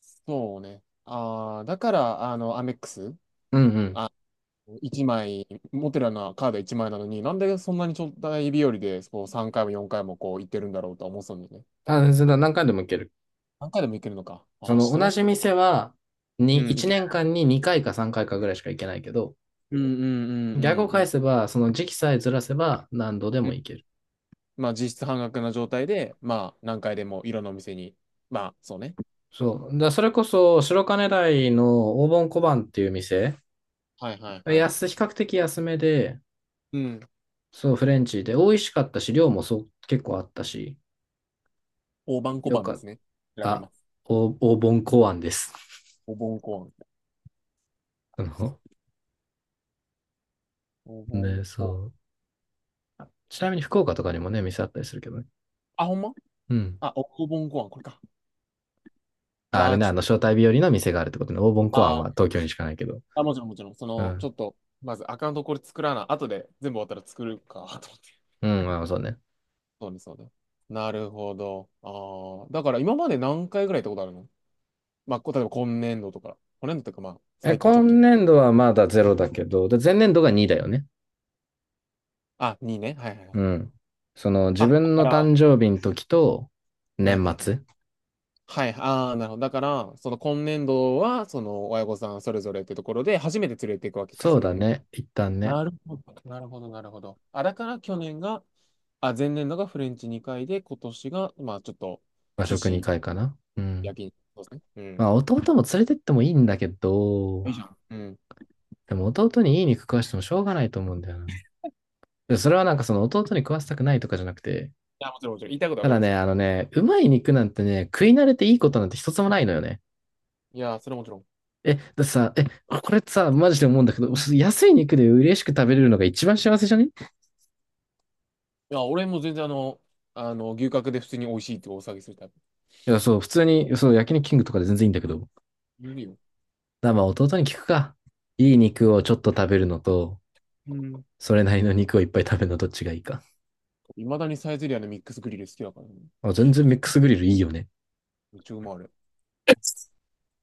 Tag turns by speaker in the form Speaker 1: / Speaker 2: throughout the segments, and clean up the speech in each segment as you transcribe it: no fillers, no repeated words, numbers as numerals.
Speaker 1: そうね。ああ、だから、アメックス、
Speaker 2: うんうん。
Speaker 1: 1枚、持ってるようなカード1枚なのに、なんでそんなにちょっとい日和で、こう3回も4回もこう行ってるんだろうとは思ってたんだよね。
Speaker 2: あ、それは何回でも行ける。
Speaker 1: 何回でも行けるのか。
Speaker 2: そ
Speaker 1: ああ、知
Speaker 2: の
Speaker 1: らな
Speaker 2: 同
Speaker 1: いし。
Speaker 2: じ店は、
Speaker 1: うん、行
Speaker 2: 1
Speaker 1: ける。
Speaker 2: 年間に2回か3回かいかぐらいしか行けないけど、
Speaker 1: うんうんう
Speaker 2: 逆を
Speaker 1: んうんう
Speaker 2: 返
Speaker 1: ん。
Speaker 2: せば、その時期さえずらせば何度で
Speaker 1: う
Speaker 2: も
Speaker 1: ん、
Speaker 2: 行ける。
Speaker 1: まあ、実質半額な状態で、まあ、何回でもいろんなお店に。まあ、そうね。
Speaker 2: そう。それこそ、白金台の黄金小判っていう店、
Speaker 1: はいはいはい。
Speaker 2: 比較的安めで、
Speaker 1: うん。
Speaker 2: そう、フレンチで、美味しかったし、量もそう、結構あったし、
Speaker 1: 大判小
Speaker 2: よ
Speaker 1: 判
Speaker 2: か
Speaker 1: で
Speaker 2: っ
Speaker 1: すね。調
Speaker 2: た。
Speaker 1: べ
Speaker 2: あ、
Speaker 1: ます。
Speaker 2: お黄金小判です。
Speaker 1: お盆小判。
Speaker 2: あの、
Speaker 1: お盆
Speaker 2: ね、そ
Speaker 1: 小判。
Speaker 2: う。ちなみに福岡とかにもね、店あったりするけどね。
Speaker 1: あ、ほんま
Speaker 2: うん。
Speaker 1: あ、おお盆小判、これか。う
Speaker 2: ああ
Speaker 1: わ
Speaker 2: れ
Speaker 1: あ、
Speaker 2: ね、
Speaker 1: ちょっと。
Speaker 2: 招待日和の店があるってことね。オーボンコアンは
Speaker 1: あ
Speaker 2: 東京にしかないけど。
Speaker 1: あ、もちろん、もちろん。そ
Speaker 2: う
Speaker 1: の、ちょ
Speaker 2: ん。
Speaker 1: っと、まずアカウントこれ作らな。後で全部終わったら作るか、と思って。
Speaker 2: うん、まあそうね。
Speaker 1: そうです、そうです。なるほど。ああ。だから今まで何回ぐらい行ったことあるの？まあ、例えば今年度とか。今年度とか、まあ、
Speaker 2: え、
Speaker 1: 最近直
Speaker 2: 今
Speaker 1: 近。
Speaker 2: 年度はまだゼロだけど、で前年度が2だよね。
Speaker 1: あ、2ね。はいはいは
Speaker 2: う
Speaker 1: い。
Speaker 2: ん。その、自
Speaker 1: あ、だ
Speaker 2: 分
Speaker 1: か
Speaker 2: の
Speaker 1: ら、は
Speaker 2: 誕生日の時と、
Speaker 1: いはい
Speaker 2: 年
Speaker 1: はい。
Speaker 2: 末。
Speaker 1: はい、ああ、なるほど。だから、その今年度は、その親御さんそれぞれってところで、初めて連れていくわけか、
Speaker 2: そ
Speaker 1: そ
Speaker 2: う
Speaker 1: れ
Speaker 2: だ
Speaker 1: で。
Speaker 2: ね。一旦ね。
Speaker 1: なるほど、なるほど、なるほど。あ、だから去年が、あ、前年度がフレンチ2回で、今年が、まあ、ちょっと、
Speaker 2: 和
Speaker 1: 寿
Speaker 2: 食
Speaker 1: 司
Speaker 2: 2回かな。うん。
Speaker 1: 焼肉。そうですね。う
Speaker 2: ま
Speaker 1: ん。
Speaker 2: あ、弟も連れてってもいいんだけ
Speaker 1: い
Speaker 2: ど、
Speaker 1: いじゃん。うん。い
Speaker 2: でも弟にいい肉食わしてもしょうがないと思うんだよな。でそれはなんかその弟に食わせたくないとかじゃなくて、
Speaker 1: や、もちろん、もちろん。言いたいことわ
Speaker 2: た
Speaker 1: かり
Speaker 2: だ
Speaker 1: ます
Speaker 2: ね、
Speaker 1: よ。
Speaker 2: うまい肉なんてね、食い慣れていいことなんて一つもないのよね。
Speaker 1: いや、それはもちろん。
Speaker 2: え、だってさ、え、これってさ、マジで思うんだけど、安い肉で嬉しく食べれるのが一番幸せじゃねい
Speaker 1: いや、俺も全然牛角で普通に美味しいってお騒ぎするタイプ。
Speaker 2: や、そう、普通に、そう、焼肉キングとかで全然いいんだけど。
Speaker 1: いるよ。
Speaker 2: まあ、弟に聞くか。いい
Speaker 1: うん。
Speaker 2: 肉をちょっと食べるのと、
Speaker 1: うん。
Speaker 2: それなりの肉をいっぱい食べるのどっちがいいか。
Speaker 1: いまだにサイゼリアのミックスグリル好きだからね。
Speaker 2: あ、全然ミックスグリルいいよね。
Speaker 1: めっちゃうまいあれ。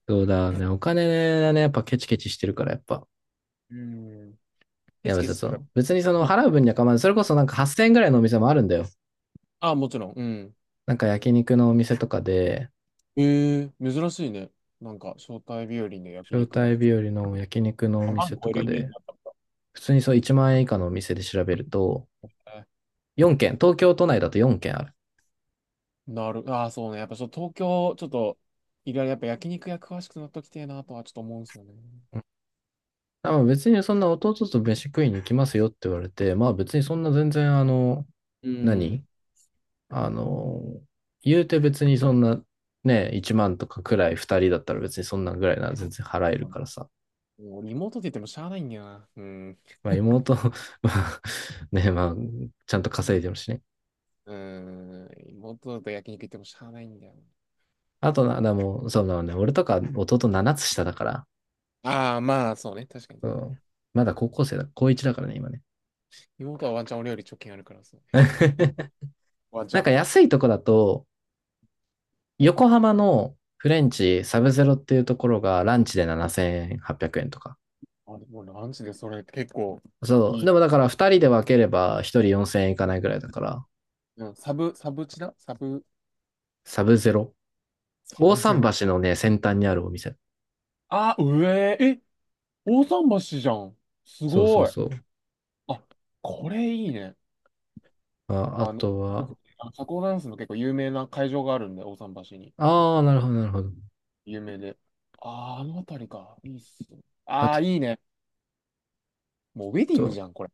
Speaker 2: そうだね、お金がね、やっぱケチケチしてるから、やっぱ。
Speaker 1: うん。
Speaker 2: い
Speaker 1: ケ
Speaker 2: や、
Speaker 1: チ
Speaker 2: 別
Speaker 1: ケ
Speaker 2: に
Speaker 1: チっ
Speaker 2: そ
Speaker 1: てか
Speaker 2: の、別にその、
Speaker 1: ま、
Speaker 2: 払う分には構わない。それこそなんか8000円ぐらいのお店もあるんだよ。
Speaker 1: あ、もちろん。うん。
Speaker 2: なんか焼肉のお店とかで、
Speaker 1: ええ珍しいね。なんか、招待日和で焼
Speaker 2: 招
Speaker 1: 肉だ。
Speaker 2: 待日和の焼肉のお
Speaker 1: あ、万
Speaker 2: 店と
Speaker 1: 超え
Speaker 2: か
Speaker 1: るイメージ
Speaker 2: で、
Speaker 1: だったも
Speaker 2: 普通にそう1万円以下のお店で調べると、
Speaker 1: んね。
Speaker 2: 4軒、東京都内だと4軒ある。
Speaker 1: なる。ああ、そうね。やっぱそう、東京、ちょっと、いろいろやっぱ焼肉屋詳しくなっときてえなとはちょっと思うんですよね。
Speaker 2: うんあまあ別にそんな弟と飯食いに行きますよって言われて、まあ別にそんな全然
Speaker 1: うん。
Speaker 2: 何あの、言うて別にそんなね、1万とかくらい2人だったら別にそんなぐらいなら全然払えるからさ。
Speaker 1: もうリモートって言ってもしゃあないんだよな。うん。
Speaker 2: まあ妹、まあね、まあちゃんと
Speaker 1: は
Speaker 2: 稼い
Speaker 1: い。
Speaker 2: でるしね。
Speaker 1: うーん。リモートだと焼肉行ってもしゃあないんだよ
Speaker 2: あとな、でも、そうだね、俺とか弟7つ下だから、
Speaker 1: な。ああ、まあ、そうね。確かに。
Speaker 2: うん、まだ高校生だ、高1だからね、今ね。
Speaker 1: 妹はワンチャン俺より貯金あるからそう。ワンチ
Speaker 2: なん
Speaker 1: ャン。
Speaker 2: か安いとこだと、横浜のフレンチサブゼロっていうところがランチで7800円とか。
Speaker 1: あ、でもランチでそれ結構
Speaker 2: そう。
Speaker 1: いい。
Speaker 2: でもだから2人で分ければ1人4000円いかないぐらいだから、
Speaker 1: うん、サブ、サブチだサブ、
Speaker 2: サブゼロ。
Speaker 1: サ
Speaker 2: 大
Speaker 1: ブゼ
Speaker 2: 桟
Speaker 1: ロ。
Speaker 2: 橋のね、先端にあるお店。
Speaker 1: あ、上、え、大桟橋じゃん。す
Speaker 2: そうそ
Speaker 1: ご
Speaker 2: う
Speaker 1: い。
Speaker 2: そう。
Speaker 1: あ、これいいね。
Speaker 2: あ、あ
Speaker 1: あの、
Speaker 2: とは、
Speaker 1: あ社交ダンスの結構有名な会場があるんで、大桟橋に。そう
Speaker 2: あ
Speaker 1: そ
Speaker 2: あ、
Speaker 1: うそ
Speaker 2: な
Speaker 1: う、
Speaker 2: るほど、なるほど。
Speaker 1: 有名で。ああ、あの辺りか。いいっすよ。
Speaker 2: あ
Speaker 1: あ
Speaker 2: と、
Speaker 1: あ、いいね。もうウェディングじゃん、これ。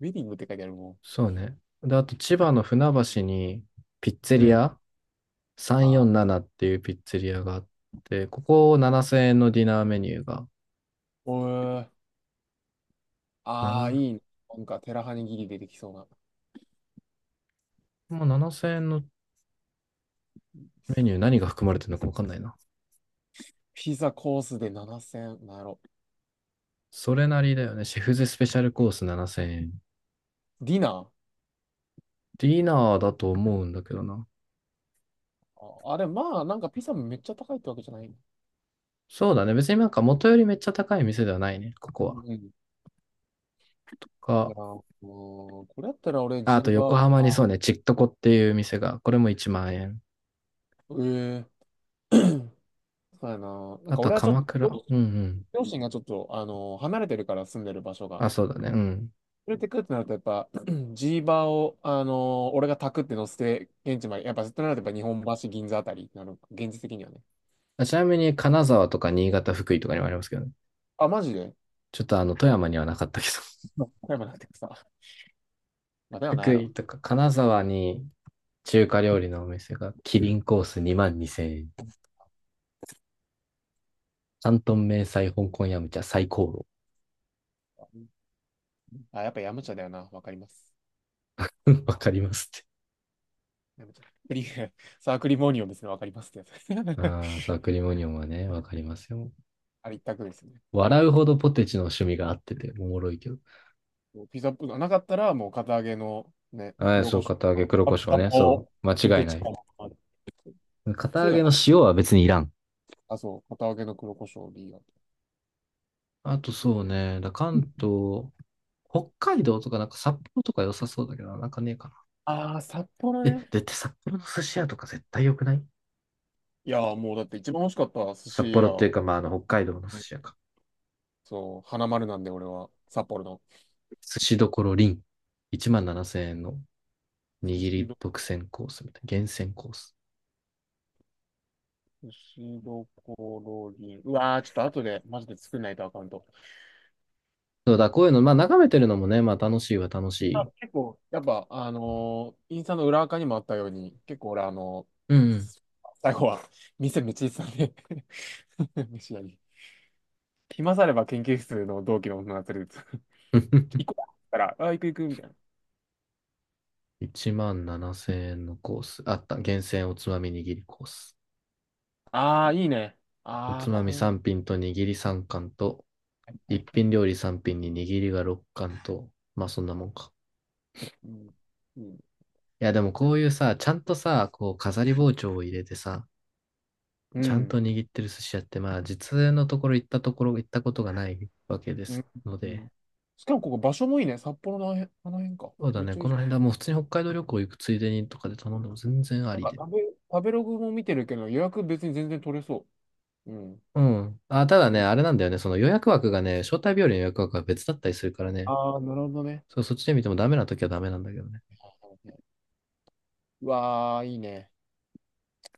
Speaker 1: ウェディングって書いてあるもん。
Speaker 2: そうね。で、あと千葉の船橋にピッツェ
Speaker 1: う
Speaker 2: リ
Speaker 1: ん。
Speaker 2: ア
Speaker 1: ああ、
Speaker 2: 347っていうピッツェリアがあって、ここ7000円のディナーメニューが、
Speaker 1: おえ。ああ、い
Speaker 2: 7、
Speaker 1: いね。なんか、テラハニギリ出てきそうな。
Speaker 2: もう7000円のメニュー何が含まれてるのか分かんないな。
Speaker 1: ピザコースで7000、なんやろ。
Speaker 2: それなりだよね。シェフズスペシャルコース7000円。
Speaker 1: ディナー。
Speaker 2: ディナーだと思うんだけどな。
Speaker 1: あ、あれ、まあ、なんかピザもめっちゃ高いってわけじゃない。
Speaker 2: そうだね。別になんか元よりめっちゃ高い店ではないね。ここ
Speaker 1: うん
Speaker 2: は。
Speaker 1: うん。い
Speaker 2: か、
Speaker 1: やー、もうこれやったら俺、
Speaker 2: ああ
Speaker 1: ジ
Speaker 2: と
Speaker 1: ル
Speaker 2: 横
Speaker 1: バー、
Speaker 2: 浜にそう
Speaker 1: あ、
Speaker 2: ね、ちっとこっていう店が、これも1万円。
Speaker 1: ええそうやな。なん
Speaker 2: あ
Speaker 1: か
Speaker 2: とは
Speaker 1: 俺はちょっ
Speaker 2: 鎌
Speaker 1: と、
Speaker 2: 倉。
Speaker 1: 両
Speaker 2: うんうん。
Speaker 1: 両親がちょっと、離れてるから住んでる場所が。
Speaker 2: あ、そうだね。うん。
Speaker 1: 連れてくってなると、やっぱ、ジーバーを、俺がタクって乗せて、現地まで、やっぱ、となると、やっぱ、日本橋、銀座あたりになる、現実的にはね。
Speaker 2: あちなみに金沢とか新潟、福井とかにもありますけどね。
Speaker 1: あ、マジで
Speaker 2: ちょっと、富山にはなかったけど。
Speaker 1: 岡山なんてさ、まあ、だ よな、や
Speaker 2: 福
Speaker 1: ろ。
Speaker 2: 井とか金沢に中華料理のお店が、キリンコース2万2000円。ト東迷彩香港ヤムチャ最高炉。
Speaker 1: あ、やっぱ、ヤムチャだよな、わかります。
Speaker 2: わかりますって。
Speaker 1: ヤムチャ。クリ サークリモニオンですね、わかりますってやつ。
Speaker 2: ああ、サクリモニオンはね、わかりますよ。
Speaker 1: あれ一択ですね。
Speaker 2: 笑うほどポテチの趣味があってて、おもろいけど。
Speaker 1: ピザポートなかったら、もう、堅揚げの、ね、
Speaker 2: ああ、
Speaker 1: 黒
Speaker 2: そ
Speaker 1: 胡
Speaker 2: う、
Speaker 1: 椒
Speaker 2: 片揚げ
Speaker 1: か、
Speaker 2: 黒
Speaker 1: あ
Speaker 2: 胡
Speaker 1: ピ
Speaker 2: 椒
Speaker 1: ザ
Speaker 2: ね。そ
Speaker 1: ポ
Speaker 2: う、
Speaker 1: ー
Speaker 2: 間違
Speaker 1: どっ
Speaker 2: いな
Speaker 1: ち
Speaker 2: い。
Speaker 1: かな。
Speaker 2: 片
Speaker 1: そ
Speaker 2: 揚
Speaker 1: れが
Speaker 2: げの
Speaker 1: ない。
Speaker 2: 塩は別にいらん。
Speaker 1: あ、そう、堅揚げの黒胡椒でいいよ。
Speaker 2: あとそうね、関東、北海道とかなんか札幌とか良さそうだけど、なんかねえかな。
Speaker 1: ああ、札幌
Speaker 2: え、
Speaker 1: ね。
Speaker 2: だって札幌の寿司屋とか絶対良くない
Speaker 1: いやー、もうだって一番美味しかった寿
Speaker 2: 札
Speaker 1: 司
Speaker 2: 幌っていう
Speaker 1: 屋、
Speaker 2: か、まあ、北海道の寿
Speaker 1: うん、
Speaker 2: 司屋か。
Speaker 1: そう、花丸なんで俺は、札幌の。
Speaker 2: 寿司どころりん。1万7000円の
Speaker 1: 寿
Speaker 2: 握
Speaker 1: 司
Speaker 2: り
Speaker 1: ど、
Speaker 2: 独占コースみたいな。厳選コース。
Speaker 1: 寿司どころに、うわー、ちょっと後でマジで作んないとアカウント。
Speaker 2: そうだ、こういうの、まあ眺めてるのもね、まあ楽しいは楽し
Speaker 1: あ、
Speaker 2: い。
Speaker 1: 結構、やっぱ、インスタの裏垢にもあったように、結構俺、ー
Speaker 2: うんうん。
Speaker 1: 最後は、店めっちゃ行ってたんで 飯屋に。暇さあれば研究室の同期の女が連れて 行こうって言ったら、あ、行く行く、みたいな。
Speaker 2: 1万7000円のコース。あった。厳選おつまみ握りコース。
Speaker 1: あー、いいね。
Speaker 2: お
Speaker 1: あ
Speaker 2: つ
Speaker 1: ー、
Speaker 2: ま
Speaker 1: こ
Speaker 2: み
Speaker 1: れは、
Speaker 2: 3品と握り3貫と、
Speaker 1: はいは
Speaker 2: 一
Speaker 1: いはい。
Speaker 2: 品料理3品に握りが6貫と、まあそんなもんか。
Speaker 1: うん。うん。
Speaker 2: いやでもこういうさ、ちゃんとさ、こう飾り包丁を入れてさ、
Speaker 1: う
Speaker 2: ちゃんと
Speaker 1: ん
Speaker 2: 握ってる寿司屋って、まあ実のところ行ったことがないわけで
Speaker 1: う
Speaker 2: す
Speaker 1: ん。
Speaker 2: の
Speaker 1: う
Speaker 2: で、
Speaker 1: ん、しかもここ場所もいいね。札幌のあの辺、あの辺か。
Speaker 2: そうだ
Speaker 1: めっ
Speaker 2: ね。
Speaker 1: ちゃいい
Speaker 2: この
Speaker 1: じ
Speaker 2: 辺だ。もう普通に北海道旅行行くついでにとかで頼んでも全然あ
Speaker 1: ゃん。
Speaker 2: り
Speaker 1: なんか
Speaker 2: で。
Speaker 1: 食べログも見てるけど、予約別に全然取れそう。うん。
Speaker 2: うん。あ、ただね、あれなんだよね。その予約枠がね、招待日和の予約枠が別だったりするからね。
Speaker 1: ああー、なるほどね。
Speaker 2: そう、そっちで見てもダメな時はダメなんだけどね。
Speaker 1: うわあ、いいね。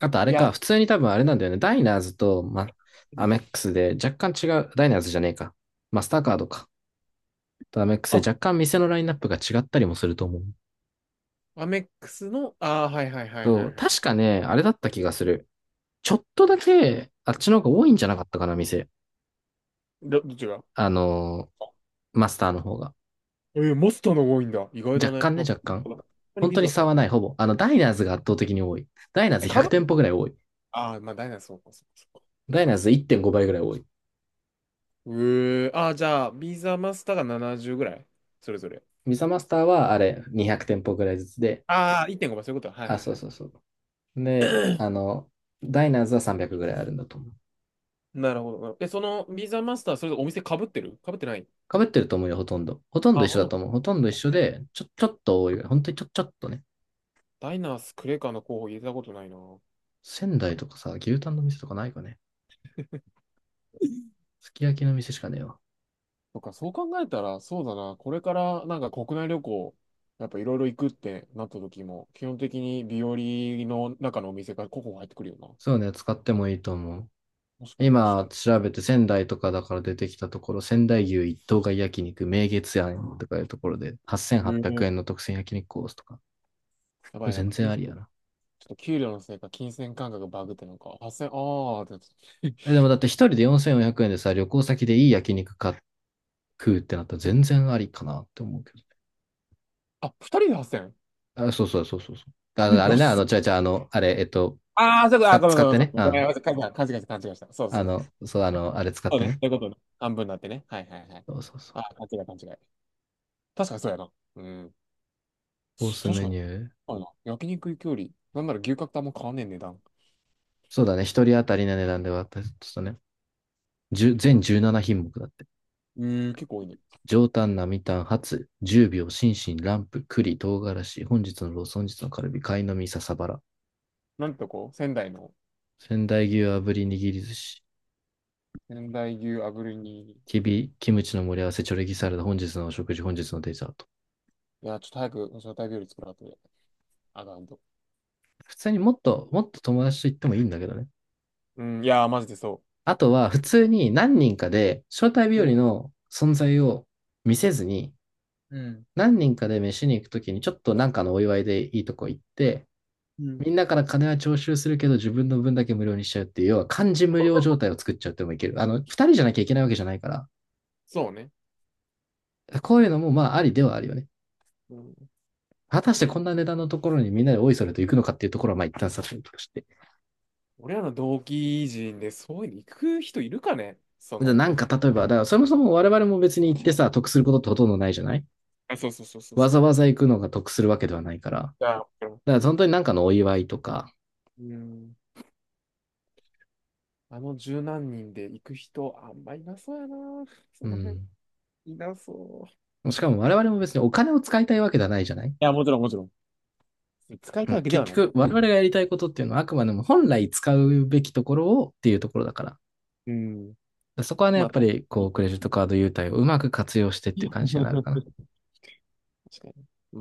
Speaker 2: あとあ
Speaker 1: い
Speaker 2: れ
Speaker 1: や、
Speaker 2: か、普通に多分あれなんだよね。ダイナーズと、ま、
Speaker 1: う
Speaker 2: アメ
Speaker 1: ん。
Speaker 2: ックスで若干違う、ダイナーズじゃねえか。マスターカードか。とアメックス
Speaker 1: あ、
Speaker 2: で若干店のラインナップが違ったりもすると思う。
Speaker 1: アメックスの、ああ、はいはいはいは
Speaker 2: そう、
Speaker 1: いはい。
Speaker 2: 確かね、あれだった気がする。ちょっとだけ、あっちの方が多いんじゃなかったかな、店。
Speaker 1: どっちが
Speaker 2: あのー
Speaker 1: あ
Speaker 2: マスターの方が。
Speaker 1: マスターの方が多いんだ。意外だ
Speaker 2: 若
Speaker 1: ね。
Speaker 2: 干ね、
Speaker 1: なんか、
Speaker 2: 若干。
Speaker 1: 本当に
Speaker 2: 本
Speaker 1: ビ
Speaker 2: 当に
Speaker 1: ザだと
Speaker 2: 差
Speaker 1: 思
Speaker 2: は
Speaker 1: う。
Speaker 2: ない、ほぼ。あの、ダイナーズが圧倒的に多い。ダイナーズ
Speaker 1: え、か
Speaker 2: 100
Speaker 1: ぶ
Speaker 2: 店
Speaker 1: る。
Speaker 2: 舗ぐらい多い。
Speaker 1: ああー、まあ、ダイナそうか、そうか。
Speaker 2: ダイナーズ1.5倍ぐらい多い。
Speaker 1: うえー、ああ、じゃあ、ビザマスターが70ぐらいそれぞれ。
Speaker 2: ミサマスターはあれ、200店舗ぐらいずつで、
Speaker 1: ああ、1.5倍、そういうこと。はい
Speaker 2: あ、
Speaker 1: はい
Speaker 2: そう
Speaker 1: はい。
Speaker 2: そうそう。で、ダイナーズは300ぐらいあるんだと思う。
Speaker 1: なるほど。え、そのビザマスター、それお店かぶってるかぶってない？
Speaker 2: 被ってると思うよ、ほとんど。ほとん
Speaker 1: あ、
Speaker 2: ど一緒
Speaker 1: ほと
Speaker 2: だ
Speaker 1: んど。
Speaker 2: と思う。ほとんど一
Speaker 1: 確
Speaker 2: 緒
Speaker 1: かに
Speaker 2: で、ちょっと多いぐらい。本当にちょっとね。
Speaker 1: ダイナースクレカの候補入れたことないな。
Speaker 2: 仙台とかさ、牛タンの店とかないかね。すき焼きの店しかねえわ。
Speaker 1: とか、そう考えたら、そうだな。これからなんか国内旅行、やっぱいろいろ行くってなった時も、基本的に日和の中のお店が候補入ってくるよな。
Speaker 2: そうね、使ってもいいと思う。
Speaker 1: 確かに確か
Speaker 2: 今
Speaker 1: に。
Speaker 2: 調べて仙台とかだから出てきたところ、仙台牛一頭買い焼肉、名月庵とかいうところで、8800
Speaker 1: え
Speaker 2: 円
Speaker 1: え
Speaker 2: の特選焼肉コースとか。
Speaker 1: や
Speaker 2: こ
Speaker 1: ば
Speaker 2: れ
Speaker 1: いな。
Speaker 2: 全然ありやな。
Speaker 1: ちょっと給料のせいか、金銭感覚がバグってなんか、8000、ああ、って
Speaker 2: え、でもだって一人で4400円でさ、旅行先でいい焼肉買っ食うってなったら全然ありかなって思うけ
Speaker 1: あ、2人で 8000？
Speaker 2: ど。あ、そうそうそうそうそう。
Speaker 1: え
Speaker 2: あ、あれね、
Speaker 1: 安っ。
Speaker 2: 違う違う、あれ、
Speaker 1: ああ、そうか、
Speaker 2: 使
Speaker 1: あ、
Speaker 2: っ、
Speaker 1: ごめん
Speaker 2: 使っ
Speaker 1: ごめん
Speaker 2: て
Speaker 1: ご
Speaker 2: ね。
Speaker 1: め
Speaker 2: う
Speaker 1: ん。ごめ
Speaker 2: ん。
Speaker 1: ん、勘違いした、勘違いした。そう
Speaker 2: あ
Speaker 1: そうそ
Speaker 2: の、
Speaker 1: う。
Speaker 2: そう、あれ使っ
Speaker 1: そう
Speaker 2: て
Speaker 1: ね。そ
Speaker 2: ね。
Speaker 1: ういうことね。半分になってね。はいはいはい。
Speaker 2: そうそうそう。
Speaker 1: あ、勘違い勘違い。確かにそうやな。うん。
Speaker 2: コース
Speaker 1: 確
Speaker 2: メ
Speaker 1: か
Speaker 2: ニ
Speaker 1: に。
Speaker 2: ュー。
Speaker 1: あるな。焼肉行きより、なんなら牛角とあんま変わんねえ値段。
Speaker 2: そうだね、一人当たりの値段で割ったちょっとね、1
Speaker 1: そう
Speaker 2: 全
Speaker 1: だ。
Speaker 2: 17品目だって。
Speaker 1: え結構多いね。
Speaker 2: 上タン、並タン、ハツ、10秒、心身、ランプ、栗、唐辛子、本日のロース、本日のカルビ、貝の実、笹バラ、
Speaker 1: なんてとこ仙台の、
Speaker 2: 仙台牛、炙り、握り寿司、
Speaker 1: 仙台牛炙りに、
Speaker 2: きび、キムチの盛り合わせ、チョレギサラダ、本日のお食事、本日のデザート。
Speaker 1: いや、ちょっと早く、招待日より作らんとね、あかんと。
Speaker 2: 普通にもっと、もっと友達と行ってもいいんだけどね。
Speaker 1: うん、いやー、マジでそ
Speaker 2: あとは、普通に何人かで、招待日
Speaker 1: う。う
Speaker 2: 和
Speaker 1: ん、
Speaker 2: の存在を見せずに、
Speaker 1: うん、
Speaker 2: 何人かで飯に行くときに、ちょっとなんかのお祝いでいいとこ行って、
Speaker 1: うん。
Speaker 2: みんなから金は徴収するけど、自分の分だけ無料にしちゃうっていう、要は漢字無料状態を作っちゃってもいける。二人じゃなきゃいけないわけじゃないから、
Speaker 1: そうね。
Speaker 2: こういうのもまあありではあるよね。
Speaker 1: うん、
Speaker 2: 果たしてこんな値段のところにみんなでおいそれと行くのかっていうところはまあ一旦さておとして。
Speaker 1: 俺らの同期人でそういうの行く人いるかねそ
Speaker 2: な
Speaker 1: の。
Speaker 2: んか例えば、だからそもそも我々も別に行ってさ、得することってほとんどないじゃない
Speaker 1: あ、そうそうそうそう
Speaker 2: わ
Speaker 1: そ
Speaker 2: ざ
Speaker 1: う。
Speaker 2: わざ行くのが得するわけではないから。だか
Speaker 1: いや、
Speaker 2: ら本当になんかのお祝いとか、
Speaker 1: うん。あの十何人で行く人、あんまいなそうやな。そ
Speaker 2: う
Speaker 1: の辺、
Speaker 2: ん。
Speaker 1: いなそう。い
Speaker 2: しかも我々も別にお金を使いたいわけではないじゃない
Speaker 1: や、もちろん、もちろん。使いたいわけで
Speaker 2: 結
Speaker 1: はない。
Speaker 2: 局、我々がやりたいことっていうのは、あくまでも本来使うべきところをっていうところだか
Speaker 1: うん。
Speaker 2: ら。そこはね、や
Speaker 1: ま
Speaker 2: っ
Speaker 1: あ、
Speaker 2: ぱり、こう、クレジッ トカード優待をうまく活用してっていう感じになるかな。
Speaker 1: 確かに。まあ